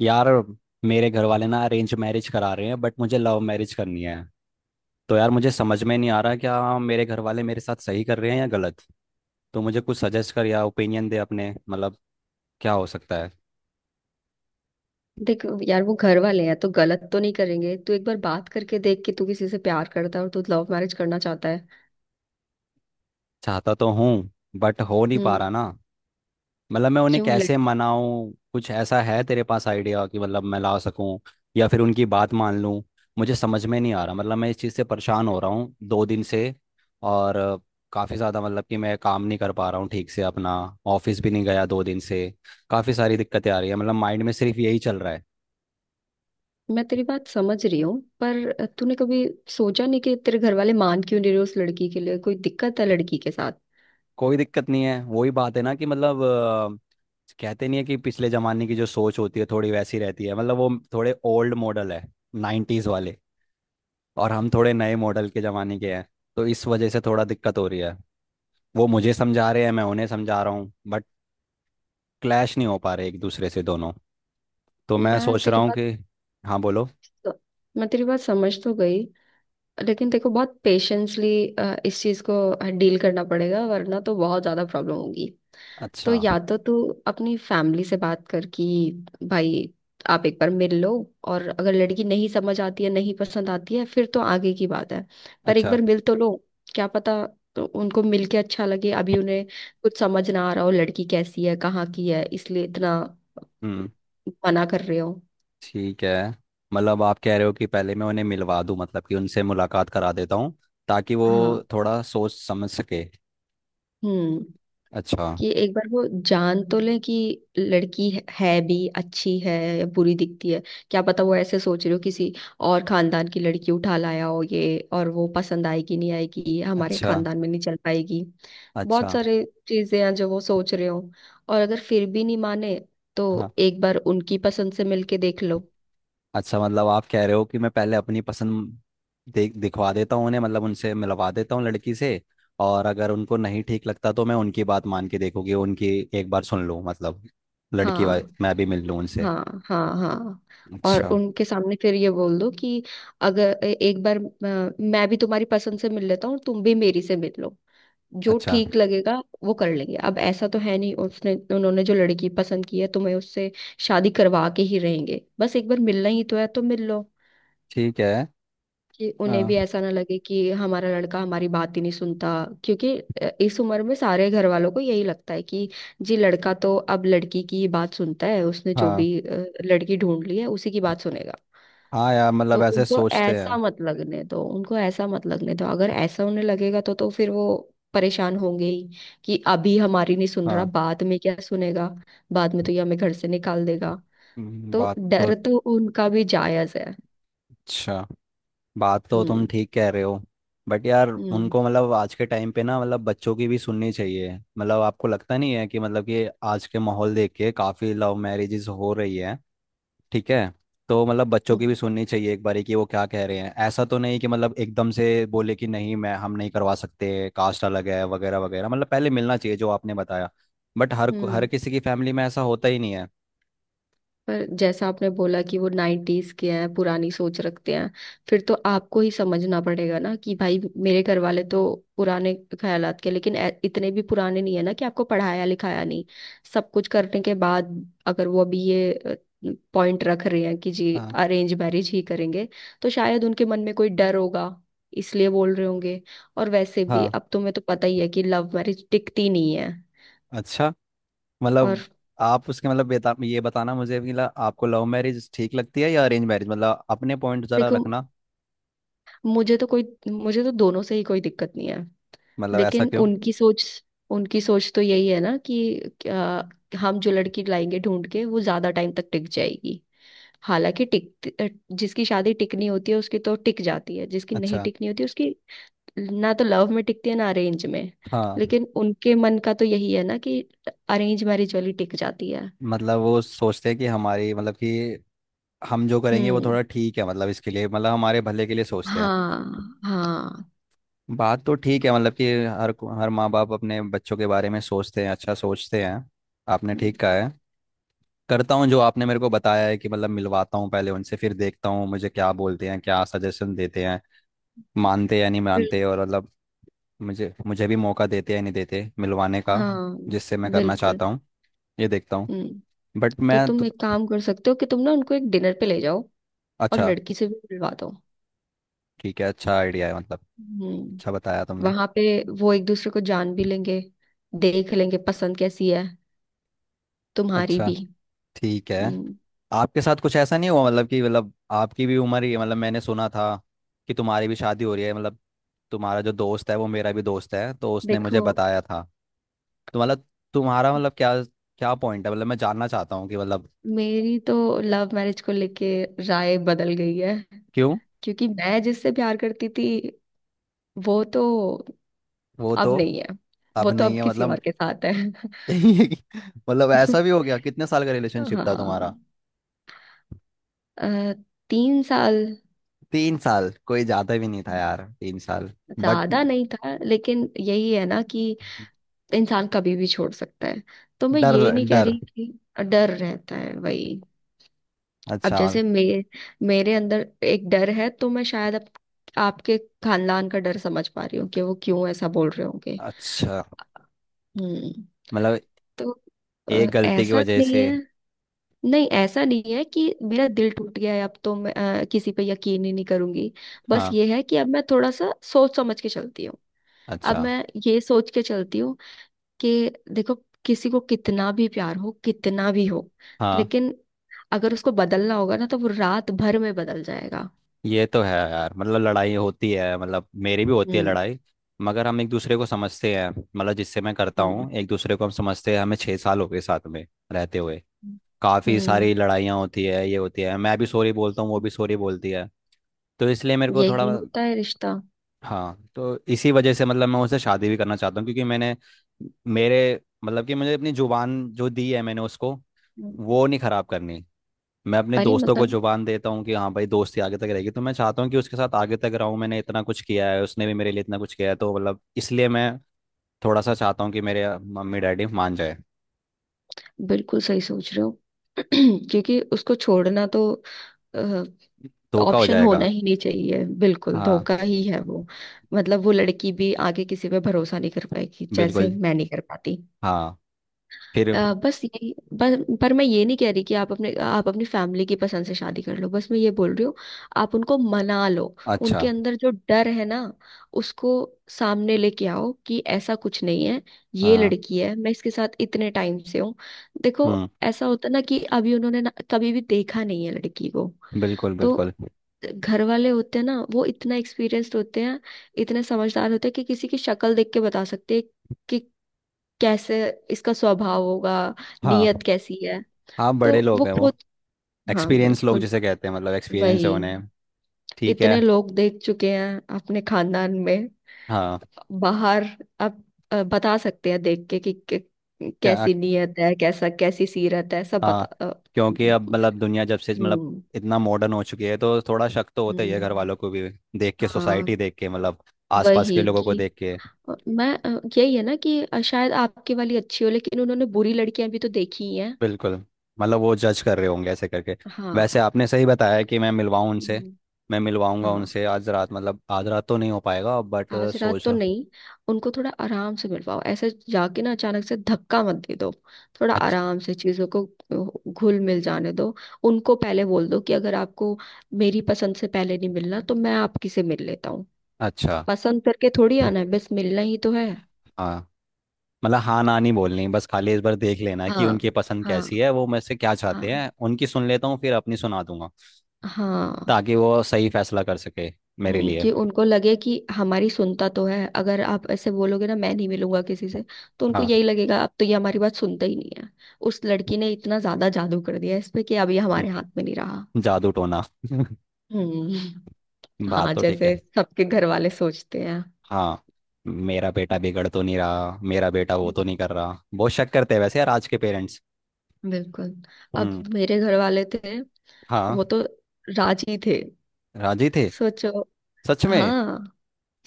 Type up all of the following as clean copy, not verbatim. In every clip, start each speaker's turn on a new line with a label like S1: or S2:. S1: यार, मेरे घर वाले ना अरेंज मैरिज करा रहे हैं बट मुझे लव मैरिज करनी है। तो यार मुझे समझ में नहीं आ रहा क्या मेरे घर वाले मेरे साथ सही कर रहे हैं या गलत। तो मुझे कुछ सजेस्ट कर या ओपिनियन दे अपने, मतलब क्या हो सकता है।
S2: देख यार, वो घर वाले हैं तो गलत तो नहीं करेंगे। तू एक बार बात करके देख कि तू किसी से प्यार करता है और तू लव मैरिज करना चाहता है।
S1: चाहता तो हूँ बट हो नहीं पा
S2: हम्म।
S1: रहा ना। मतलब मैं उन्हें
S2: क्यों लड़।
S1: कैसे मनाऊं, कुछ ऐसा है तेरे पास आइडिया कि मतलब मैं ला सकूं या फिर उनकी बात मान लूं। मुझे समझ में नहीं आ रहा, मतलब मैं इस चीज़ से परेशान हो रहा हूँ 2 दिन से। और काफ़ी ज़्यादा मतलब कि मैं काम नहीं कर पा रहा हूँ ठीक से अपना। ऑफिस भी नहीं गया 2 दिन से। काफ़ी सारी दिक्कतें आ रही है, मतलब माइंड में सिर्फ यही चल रहा है।
S2: मैं तेरी बात समझ रही हूँ। पर तूने कभी सोचा नहीं कि तेरे घर वाले मान क्यों नहीं रहे? उस लड़की के लिए कोई दिक्कत है? लड़की के साथ?
S1: कोई दिक्कत नहीं है, वही बात है ना कि मतलब कहते नहीं है कि पिछले जमाने की जो सोच होती है थोड़ी वैसी रहती है। मतलब वो थोड़े ओल्ड मॉडल है, 90s वाले, और हम थोड़े नए मॉडल के ज़माने के हैं। तो इस वजह से थोड़ा दिक्कत हो रही है। वो मुझे समझा रहे हैं, मैं उन्हें समझा रहा हूँ, बट क्लैश नहीं हो पा रहे एक दूसरे से दोनों। तो मैं
S2: मैं
S1: सोच रहा
S2: तेरी
S1: हूँ
S2: बात
S1: कि हाँ बोलो।
S2: मैं तेरी बात समझ तो गई, लेकिन देखो, बहुत पेशेंसली इस चीज को डील करना पड़ेगा वरना तो बहुत ज्यादा प्रॉब्लम होगी। तो
S1: अच्छा।
S2: या तो तू अपनी फैमिली से बात कर कि भाई, आप एक बार मिल लो। और अगर लड़की नहीं समझ आती है, नहीं पसंद आती है, फिर तो आगे की बात है। पर एक
S1: अच्छा।
S2: बार मिल तो लो। क्या पता तो उनको मिल के अच्छा लगे। अभी उन्हें कुछ समझ ना आ रहा हो लड़की कैसी है, कहाँ की है, इसलिए इतना
S1: हम्म।
S2: मना कर रहे हो।
S1: ठीक है, मतलब आप कह रहे हो कि पहले मैं उन्हें मिलवा दूँ, मतलब कि उनसे मुलाकात करा देता हूँ ताकि वो
S2: हाँ।
S1: थोड़ा सोच समझ सके।
S2: हम्म।
S1: अच्छा।
S2: कि एक बार वो जान तो लें कि लड़की है भी अच्छी है या बुरी दिखती है। क्या पता वो ऐसे सोच रहे हो किसी और खानदान की लड़की उठा लाया हो ये, और वो पसंद आएगी नहीं आएगी, हमारे
S1: अच्छा।
S2: खानदान में नहीं चल पाएगी। बहुत
S1: अच्छा।
S2: सारे चीजें हैं जो वो सोच रहे हो। और अगर फिर भी नहीं माने तो
S1: हाँ।
S2: एक बार उनकी पसंद से मिलके देख लो।
S1: अच्छा, मतलब आप कह रहे हो कि मैं पहले अपनी पसंद देख दिखवा देता हूँ उन्हें, मतलब उनसे मिलवा देता हूँ लड़की से, और अगर उनको नहीं ठीक लगता तो मैं उनकी बात मान के देखूंगी, उनकी एक बार सुन लूँ, मतलब लड़की वाले
S2: हाँ,
S1: मैं भी मिल लूँ उनसे।
S2: हाँ, हाँ, हाँ। और
S1: अच्छा।
S2: उनके सामने फिर ये बोल दो कि अगर एक बार मैं भी तुम्हारी पसंद से मिल लेता हूँ, तुम भी मेरी से मिल लो। जो
S1: अच्छा।
S2: ठीक लगेगा वो कर लेंगे। अब ऐसा तो है नहीं उसने उन्होंने जो लड़की पसंद की है तुम्हें उससे शादी करवा के ही रहेंगे। बस एक बार मिलना ही तो है तो मिल लो।
S1: ठीक है।
S2: कि उन्हें
S1: हाँ,
S2: भी ऐसा ना लगे कि हमारा लड़का हमारी बात ही नहीं सुनता। क्योंकि इस उम्र में सारे घर वालों को यही लगता है कि जी लड़का तो अब लड़की की ही बात सुनता है, उसने जो
S1: हाँ,
S2: भी लड़की ढूंढ ली है उसी की बात सुनेगा।
S1: हाँ, यार
S2: तो
S1: मतलब ऐसे
S2: उनको
S1: सोचते
S2: ऐसा
S1: हैं।
S2: मत लगने दो। उनको ऐसा मत लगने दो। अगर ऐसा उन्हें लगेगा तो फिर वो परेशान होंगे ही कि अभी हमारी नहीं सुन रहा
S1: हाँ।
S2: बाद में क्या सुनेगा। बाद में तो ये हमें घर से निकाल देगा।
S1: हम्म,
S2: तो
S1: बात तो
S2: डर तो उनका भी जायज है।
S1: अच्छा, बात तो तुम
S2: हम्म।
S1: ठीक कह रहे हो। बट यार,
S2: हम्म।
S1: उनको मतलब आज के टाइम पे ना, मतलब बच्चों की भी सुननी चाहिए। मतलब आपको लगता नहीं है कि मतलब कि आज के माहौल देख के काफ़ी लव मैरिजेस हो रही है। ठीक है। तो मतलब बच्चों की भी
S2: हम्म।
S1: सुननी चाहिए एक बारी कि वो क्या कह रहे हैं, ऐसा तो नहीं कि मतलब एकदम से बोले कि नहीं मैं हम नहीं करवा सकते, कास्ट अलग है, वगैरह वगैरह। मतलब पहले मिलना चाहिए जो आपने बताया। बट हर हर
S2: हम्म।
S1: किसी की फैमिली में ऐसा होता ही नहीं है।
S2: पर जैसा आपने बोला कि वो नाइन्टीज के हैं, पुरानी सोच रखते हैं, फिर तो आपको ही समझना पड़ेगा ना कि भाई मेरे घर वाले तो पुराने ख्यालात के, लेकिन इतने भी पुराने नहीं है ना कि आपको पढ़ाया लिखाया नहीं। सब कुछ करने के बाद अगर वो अभी ये पॉइंट रख रहे हैं कि जी
S1: हाँ।
S2: अरेंज मैरिज ही करेंगे, तो शायद उनके मन में कोई डर होगा इसलिए बोल रहे होंगे। और वैसे भी
S1: हाँ।
S2: अब तुम्हें तो पता ही है कि लव मैरिज टिकती नहीं है।
S1: अच्छा,
S2: और
S1: मतलब आप उसके मतलब ये बताना मुझे कि मतलब आपको लव मैरिज ठीक लगती है या अरेंज मैरिज, मतलब अपने पॉइंट जरा
S2: देखो,
S1: रखना।
S2: मुझे तो कोई मुझे तो दोनों से ही कोई दिक्कत नहीं है।
S1: मतलब ऐसा
S2: लेकिन
S1: क्यों।
S2: उनकी सोच तो यही है ना कि हम जो लड़की लाएंगे ढूंढ के वो ज्यादा टाइम तक टिक जाएगी। हालांकि जिसकी शादी टिकनी होती है उसकी तो टिक जाती है, जिसकी नहीं
S1: अच्छा।
S2: टिकनी होती उसकी ना तो लव में टिकती है ना अरेंज में।
S1: हाँ।
S2: लेकिन उनके मन का तो यही है ना कि अरेंज मैरिज वाली टिक जाती है।
S1: मतलब वो सोचते हैं कि हमारी, मतलब कि हम जो करेंगे वो
S2: हम्म।
S1: थोड़ा ठीक है, मतलब इसके लिए, मतलब हमारे भले के लिए सोचते हैं।
S2: हाँ, हाँ,
S1: बात तो ठीक है, मतलब कि हर माँ बाप अपने बच्चों के बारे में सोचते हैं, अच्छा सोचते हैं। आपने ठीक कहा है। करता हूँ जो आपने मेरे को बताया है कि मतलब मिलवाता हूँ पहले उनसे, फिर देखता हूँ मुझे क्या बोलते हैं, क्या सजेशन देते हैं, मानते हैं या नहीं
S2: बिल-
S1: मानते, और मतलब मुझे मुझे भी मौका देते या नहीं देते मिलवाने का,
S2: हाँ,
S1: जिससे मैं करना
S2: बिल्कुल।
S1: चाहता हूँ, ये देखता हूँ।
S2: हम्म।
S1: बट
S2: तो
S1: मैं तो।
S2: तुम एक काम कर सकते हो कि तुम ना उनको एक डिनर पे ले जाओ और
S1: अच्छा।
S2: लड़की से भी मिलवा दो।
S1: ठीक है, अच्छा आइडिया है मतलब।
S2: हम्म।
S1: अच्छा बताया तुमने।
S2: वहां पे वो एक दूसरे को जान भी लेंगे, देख लेंगे पसंद कैसी है तुम्हारी
S1: अच्छा।
S2: भी।
S1: ठीक है।
S2: हम्म।
S1: आपके साथ कुछ ऐसा नहीं हुआ, मतलब कि मतलब आपकी भी उम्र ही है, मतलब मैंने सुना था कि तुम्हारी भी शादी हो रही है, मतलब तुम्हारा जो दोस्त है वो मेरा भी दोस्त है, तो उसने मुझे
S2: देखो,
S1: बताया था। तो मतलब तुम्हारा मतलब क्या क्या पॉइंट है, मतलब मैं जानना चाहता हूँ कि मतलब।
S2: मेरी तो लव मैरिज को लेके राय बदल गई है।
S1: क्यों।
S2: क्योंकि मैं जिससे प्यार करती थी वो तो
S1: वो तो
S2: अब नहीं है। वो
S1: अब
S2: तो
S1: नहीं
S2: अब
S1: है
S2: किसी और
S1: मतलब।
S2: के साथ है।
S1: मतलब ऐसा भी हो गया, कितने साल का रिलेशनशिप था
S2: हाँ।
S1: तुम्हारा।
S2: अ, 3 साल।
S1: 3 साल कोई ज्यादा भी नहीं था यार, तीन साल। बट
S2: ज्यादा नहीं था, लेकिन यही है ना कि इंसान कभी भी छोड़ सकता है। तो मैं
S1: डर।
S2: ये नहीं कह
S1: डर।
S2: रही, कि डर रहता है वही। अब
S1: अच्छा।
S2: जैसे मे मेरे अंदर एक डर है तो मैं शायद अब आपके खानदान का डर समझ पा रही हूँ कि वो क्यों ऐसा बोल रहे होंगे।
S1: अच्छा,
S2: हम्म।
S1: मतलब
S2: तो
S1: एक गलती की
S2: ऐसा
S1: वजह
S2: नहीं
S1: से।
S2: है। नहीं, ऐसा नहीं है कि मेरा दिल टूट गया है अब तो मैं किसी पे यकीन ही नहीं करूंगी। बस
S1: हाँ।
S2: ये है कि अब मैं थोड़ा सा सोच समझ के चलती हूँ। अब
S1: अच्छा।
S2: मैं ये सोच के चलती हूँ कि देखो, किसी को कितना भी प्यार हो, कितना भी हो,
S1: हाँ,
S2: लेकिन अगर उसको बदलना होगा ना तो वो रात भर में बदल जाएगा।
S1: ये तो है यार, मतलब लड़ाई होती है, मतलब मेरी भी होती है
S2: हम्म।
S1: लड़ाई, मगर हम एक दूसरे को समझते हैं, मतलब जिससे मैं करता
S2: हम्म।
S1: हूँ एक दूसरे को हम समझते हैं, हमें 6 साल हो गए साथ में रहते हुए। काफ़ी
S2: हम्म।
S1: सारी लड़ाइयाँ होती है, ये होती है, मैं भी सॉरी बोलता हूँ, वो भी सॉरी बोलती है। तो इसलिए मेरे को थोड़ा।
S2: यही होता है रिश्ता।
S1: हाँ, तो इसी वजह से मतलब मैं उससे शादी भी करना चाहता हूँ, क्योंकि मैंने मेरे, मतलब कि मुझे अपनी जुबान जो दी है मैंने उसको,
S2: हम्म।
S1: वो नहीं खराब करनी। मैं अपने
S2: अरे,
S1: दोस्तों को
S2: मतलब
S1: जुबान देता हूँ कि हाँ भाई, दोस्ती आगे तक रहेगी, तो मैं चाहता हूँ कि उसके साथ आगे तक रहूँ। मैंने इतना कुछ किया है, उसने भी मेरे लिए इतना कुछ किया है, तो मतलब इसलिए मैं थोड़ा सा चाहता हूँ कि मेरे मम्मी डैडी मान जाए।
S2: बिल्कुल सही सोच रहे हो। क्योंकि उसको छोड़ना तो
S1: धोखा हो
S2: ऑप्शन होना
S1: जाएगा।
S2: ही नहीं चाहिए। बिल्कुल
S1: हाँ।
S2: धोखा ही है वो। मतलब वो लड़की भी आगे किसी पे भरोसा नहीं कर पाएगी जैसे
S1: बिल्कुल।
S2: मैं नहीं कर पाती।
S1: हाँ। फिर।
S2: बस यही। बस। पर मैं ये नहीं कह रही कि आप अपने आप अपनी फैमिली की पसंद से शादी कर लो, बस मैं ये बोल रही हूँ आप उनको मना लो। उनके
S1: अच्छा।
S2: अंदर जो डर है ना उसको सामने लेके आओ कि ऐसा कुछ नहीं है। ये
S1: हाँ।
S2: लड़की है, मैं इसके साथ इतने टाइम से हूँ। देखो,
S1: हम्म।
S2: ऐसा होता ना कि अभी उन्होंने ना कभी भी देखा नहीं है लड़की को।
S1: बिल्कुल,
S2: तो
S1: बिल्कुल।
S2: घर वाले होते हैं ना, वो इतना एक्सपीरियंस्ड होते हैं, इतने समझदार होते हैं कि किसी की शक्ल देख के बता सकते हैं कि कैसे इसका स्वभाव होगा,
S1: हाँ।
S2: नीयत कैसी है।
S1: हाँ
S2: तो
S1: बड़े
S2: वो
S1: लोग हैं वो।
S2: खुद। हाँ,
S1: एक्सपीरियंस लोग
S2: बिल्कुल।
S1: जिसे कहते हैं, मतलब एक्सपीरियंस है
S2: वही
S1: उन्हें। ठीक है।
S2: इतने लोग देख चुके हैं अपने खानदान में,
S1: हाँ।
S2: बाहर। अब बता सकते हैं देख के कि
S1: क्या।
S2: कैसी नीयत है, कैसा कैसी सीरत है, सब
S1: हाँ
S2: बता।
S1: क्योंकि अब मतलब दुनिया जब से मतलब
S2: हम्म।
S1: इतना मॉडर्न हो चुकी है तो थोड़ा शक तो होता ही है घर
S2: हम्म।
S1: वालों को भी, देख के,
S2: हाँ।
S1: सोसाइटी देख के, मतलब आसपास के
S2: वही
S1: लोगों को
S2: कि
S1: देख के।
S2: अ, मैं अ, यही है ना कि शायद आपकी वाली अच्छी हो लेकिन उन्होंने बुरी लड़कियां भी तो देखी ही हैं।
S1: बिल्कुल। मतलब वो जज कर रहे होंगे ऐसे करके। वैसे
S2: हाँ।
S1: आपने सही बताया कि मैं मिलवाऊँ उनसे।
S2: हम्म,
S1: मैं मिलवाऊंगा
S2: हाँ।
S1: उनसे आज रात, मतलब आज रात तो नहीं हो पाएगा बट
S2: आज रात
S1: सोच
S2: तो
S1: रहा।
S2: नहीं। उनको थोड़ा आराम से मिलवाओ। ऐसे जाके ना अचानक से धक्का मत दे दो। थोड़ा
S1: अच्छा।
S2: आराम से चीजों को घुल मिल जाने दो। उनको पहले बोल दो कि अगर आपको मेरी पसंद से पहले नहीं मिलना तो मैं आपकी से मिल लेता हूँ।
S1: अच्छा।
S2: पसंद करके थोड़ी आना है, बस मिलना ही तो है।
S1: हाँ। मतलब हाँ ना नहीं बोलनी, बस खाली इस बार देख लेना कि
S2: हाँ,
S1: उनकी पसंद
S2: हाँ,
S1: कैसी है, वो मेरे से क्या
S2: हाँ,
S1: चाहते हैं, उनकी सुन लेता हूँ फिर अपनी सुना दूंगा।
S2: हाँ।
S1: ताकि वो सही फैसला कर सके मेरे लिए।
S2: कि उनको लगे कि हमारी सुनता तो है। अगर आप ऐसे बोलोगे ना मैं नहीं मिलूंगा किसी से, तो उनको
S1: हाँ।
S2: यही लगेगा अब तो ये हमारी बात सुनता ही नहीं है। उस लड़की ने इतना ज्यादा जादू कर दिया इस पे कि अब ये हमारे
S1: हम्म।
S2: हाथ में नहीं रहा।
S1: जादू टोना
S2: हम्म।
S1: बात
S2: हाँ,
S1: तो ठीक
S2: जैसे
S1: है।
S2: सबके घर वाले सोचते हैं।
S1: हाँ। मेरा बेटा बिगड़ तो नहीं रहा, मेरा बेटा वो तो नहीं कर रहा, बहुत शक करते हैं वैसे यार आज के पेरेंट्स।
S2: बिल्कुल। अब
S1: हम्म।
S2: मेरे घर वाले थे
S1: हाँ।
S2: वो तो राजी थे।
S1: राजी थे।
S2: सोचो।
S1: सच में।
S2: हाँ।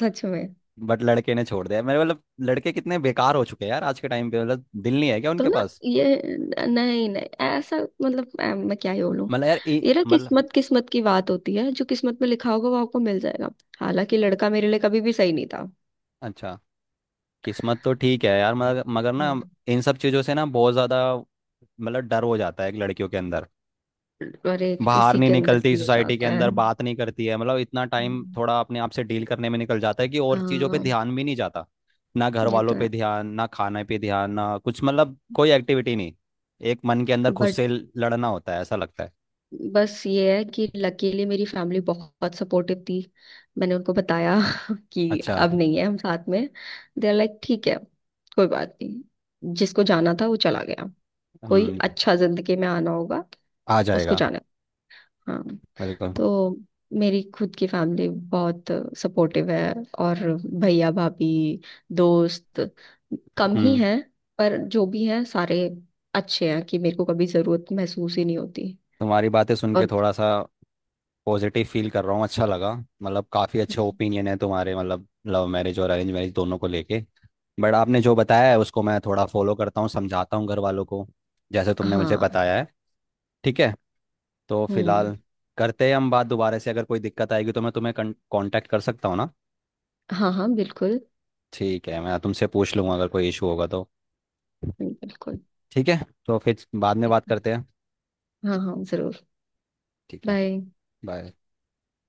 S2: सच में।
S1: बट लड़के ने छोड़ दिया मेरे, मतलब लड़के कितने बेकार हो चुके हैं यार आज के टाइम पे, मतलब दिल नहीं है क्या
S2: तो
S1: उनके
S2: ना।
S1: पास।
S2: ये नहीं, नहीं, ऐसा मतलब मैं क्या ही बोलूं।
S1: मतलब यार
S2: ये ना
S1: मतलब।
S2: किस्मत किस्मत की बात होती है। जो किस्मत में लिखा होगा वो आपको मिल जाएगा। हालांकि लड़का मेरे लिए कभी भी सही नहीं था।
S1: अच्छा। किस्मत तो ठीक है यार, मगर मगर ना
S2: हम्म,
S1: इन सब चीज़ों से ना बहुत ज़्यादा मतलब डर हो जाता है एक लड़कियों के अंदर।
S2: अरे,
S1: बाहर
S2: किसी
S1: नहीं
S2: के अंदर
S1: निकलती,
S2: भी हो
S1: सोसाइटी के
S2: जाता है।
S1: अंदर बात नहीं करती है, मतलब इतना टाइम
S2: हम्म।
S1: थोड़ा अपने आप से डील करने में निकल जाता है कि और चीज़ों पे
S2: हाँ।
S1: ध्यान भी नहीं जाता। ना घर
S2: ये
S1: वालों
S2: तो
S1: पे
S2: है।
S1: ध्यान, ना खाने पे ध्यान, ना कुछ, मतलब कोई एक्टिविटी नहीं। एक मन के अंदर खुद
S2: बट,
S1: से लड़ना होता है, ऐसा लगता है।
S2: बस ये है कि लकीली मेरी फैमिली बहुत सपोर्टिव थी। मैंने उनको बताया कि
S1: अच्छा।
S2: अब नहीं है हम साथ में। दे आर लाइक ठीक है। कोई बात नहीं, जिसको जाना था वो चला गया, कोई
S1: हम्म।
S2: अच्छा जिंदगी में आना होगा
S1: आ
S2: उसको
S1: जाएगा।
S2: जाना। हाँ।
S1: बिल्कुल।
S2: तो मेरी खुद की फैमिली बहुत सपोर्टिव है। और भैया भाभी, दोस्त कम ही
S1: हम्म।
S2: हैं, पर जो भी हैं सारे अच्छे हैं कि मेरे को कभी जरूरत महसूस ही नहीं होती।
S1: तुम्हारी बातें सुन के
S2: और
S1: थोड़ा सा पॉजिटिव फील कर रहा हूँ, अच्छा लगा, मतलब काफ़ी अच्छे ओपिनियन है तुम्हारे मतलब लव मैरिज और अरेंज मैरिज दोनों को लेके। बट आपने जो बताया है उसको मैं थोड़ा फॉलो करता हूँ, समझाता हूँ घर वालों को, जैसे तुमने मुझे
S2: हाँ।
S1: बताया है। ठीक है। तो
S2: हम्म।
S1: फिलहाल करते हैं हम बात दोबारा से, अगर कोई दिक्कत आएगी तो मैं तुम्हें कांटेक्ट कर सकता हूँ ना।
S2: हाँ, हाँ, बिल्कुल,
S1: ठीक है, मैं तुमसे पूछ लूँगा अगर कोई इशू होगा तो।
S2: बिल्कुल।
S1: ठीक है। तो फिर बाद में बात करते हैं।
S2: हाँ, हाँ, जरूर।
S1: ठीक है।
S2: बाय।
S1: बाय।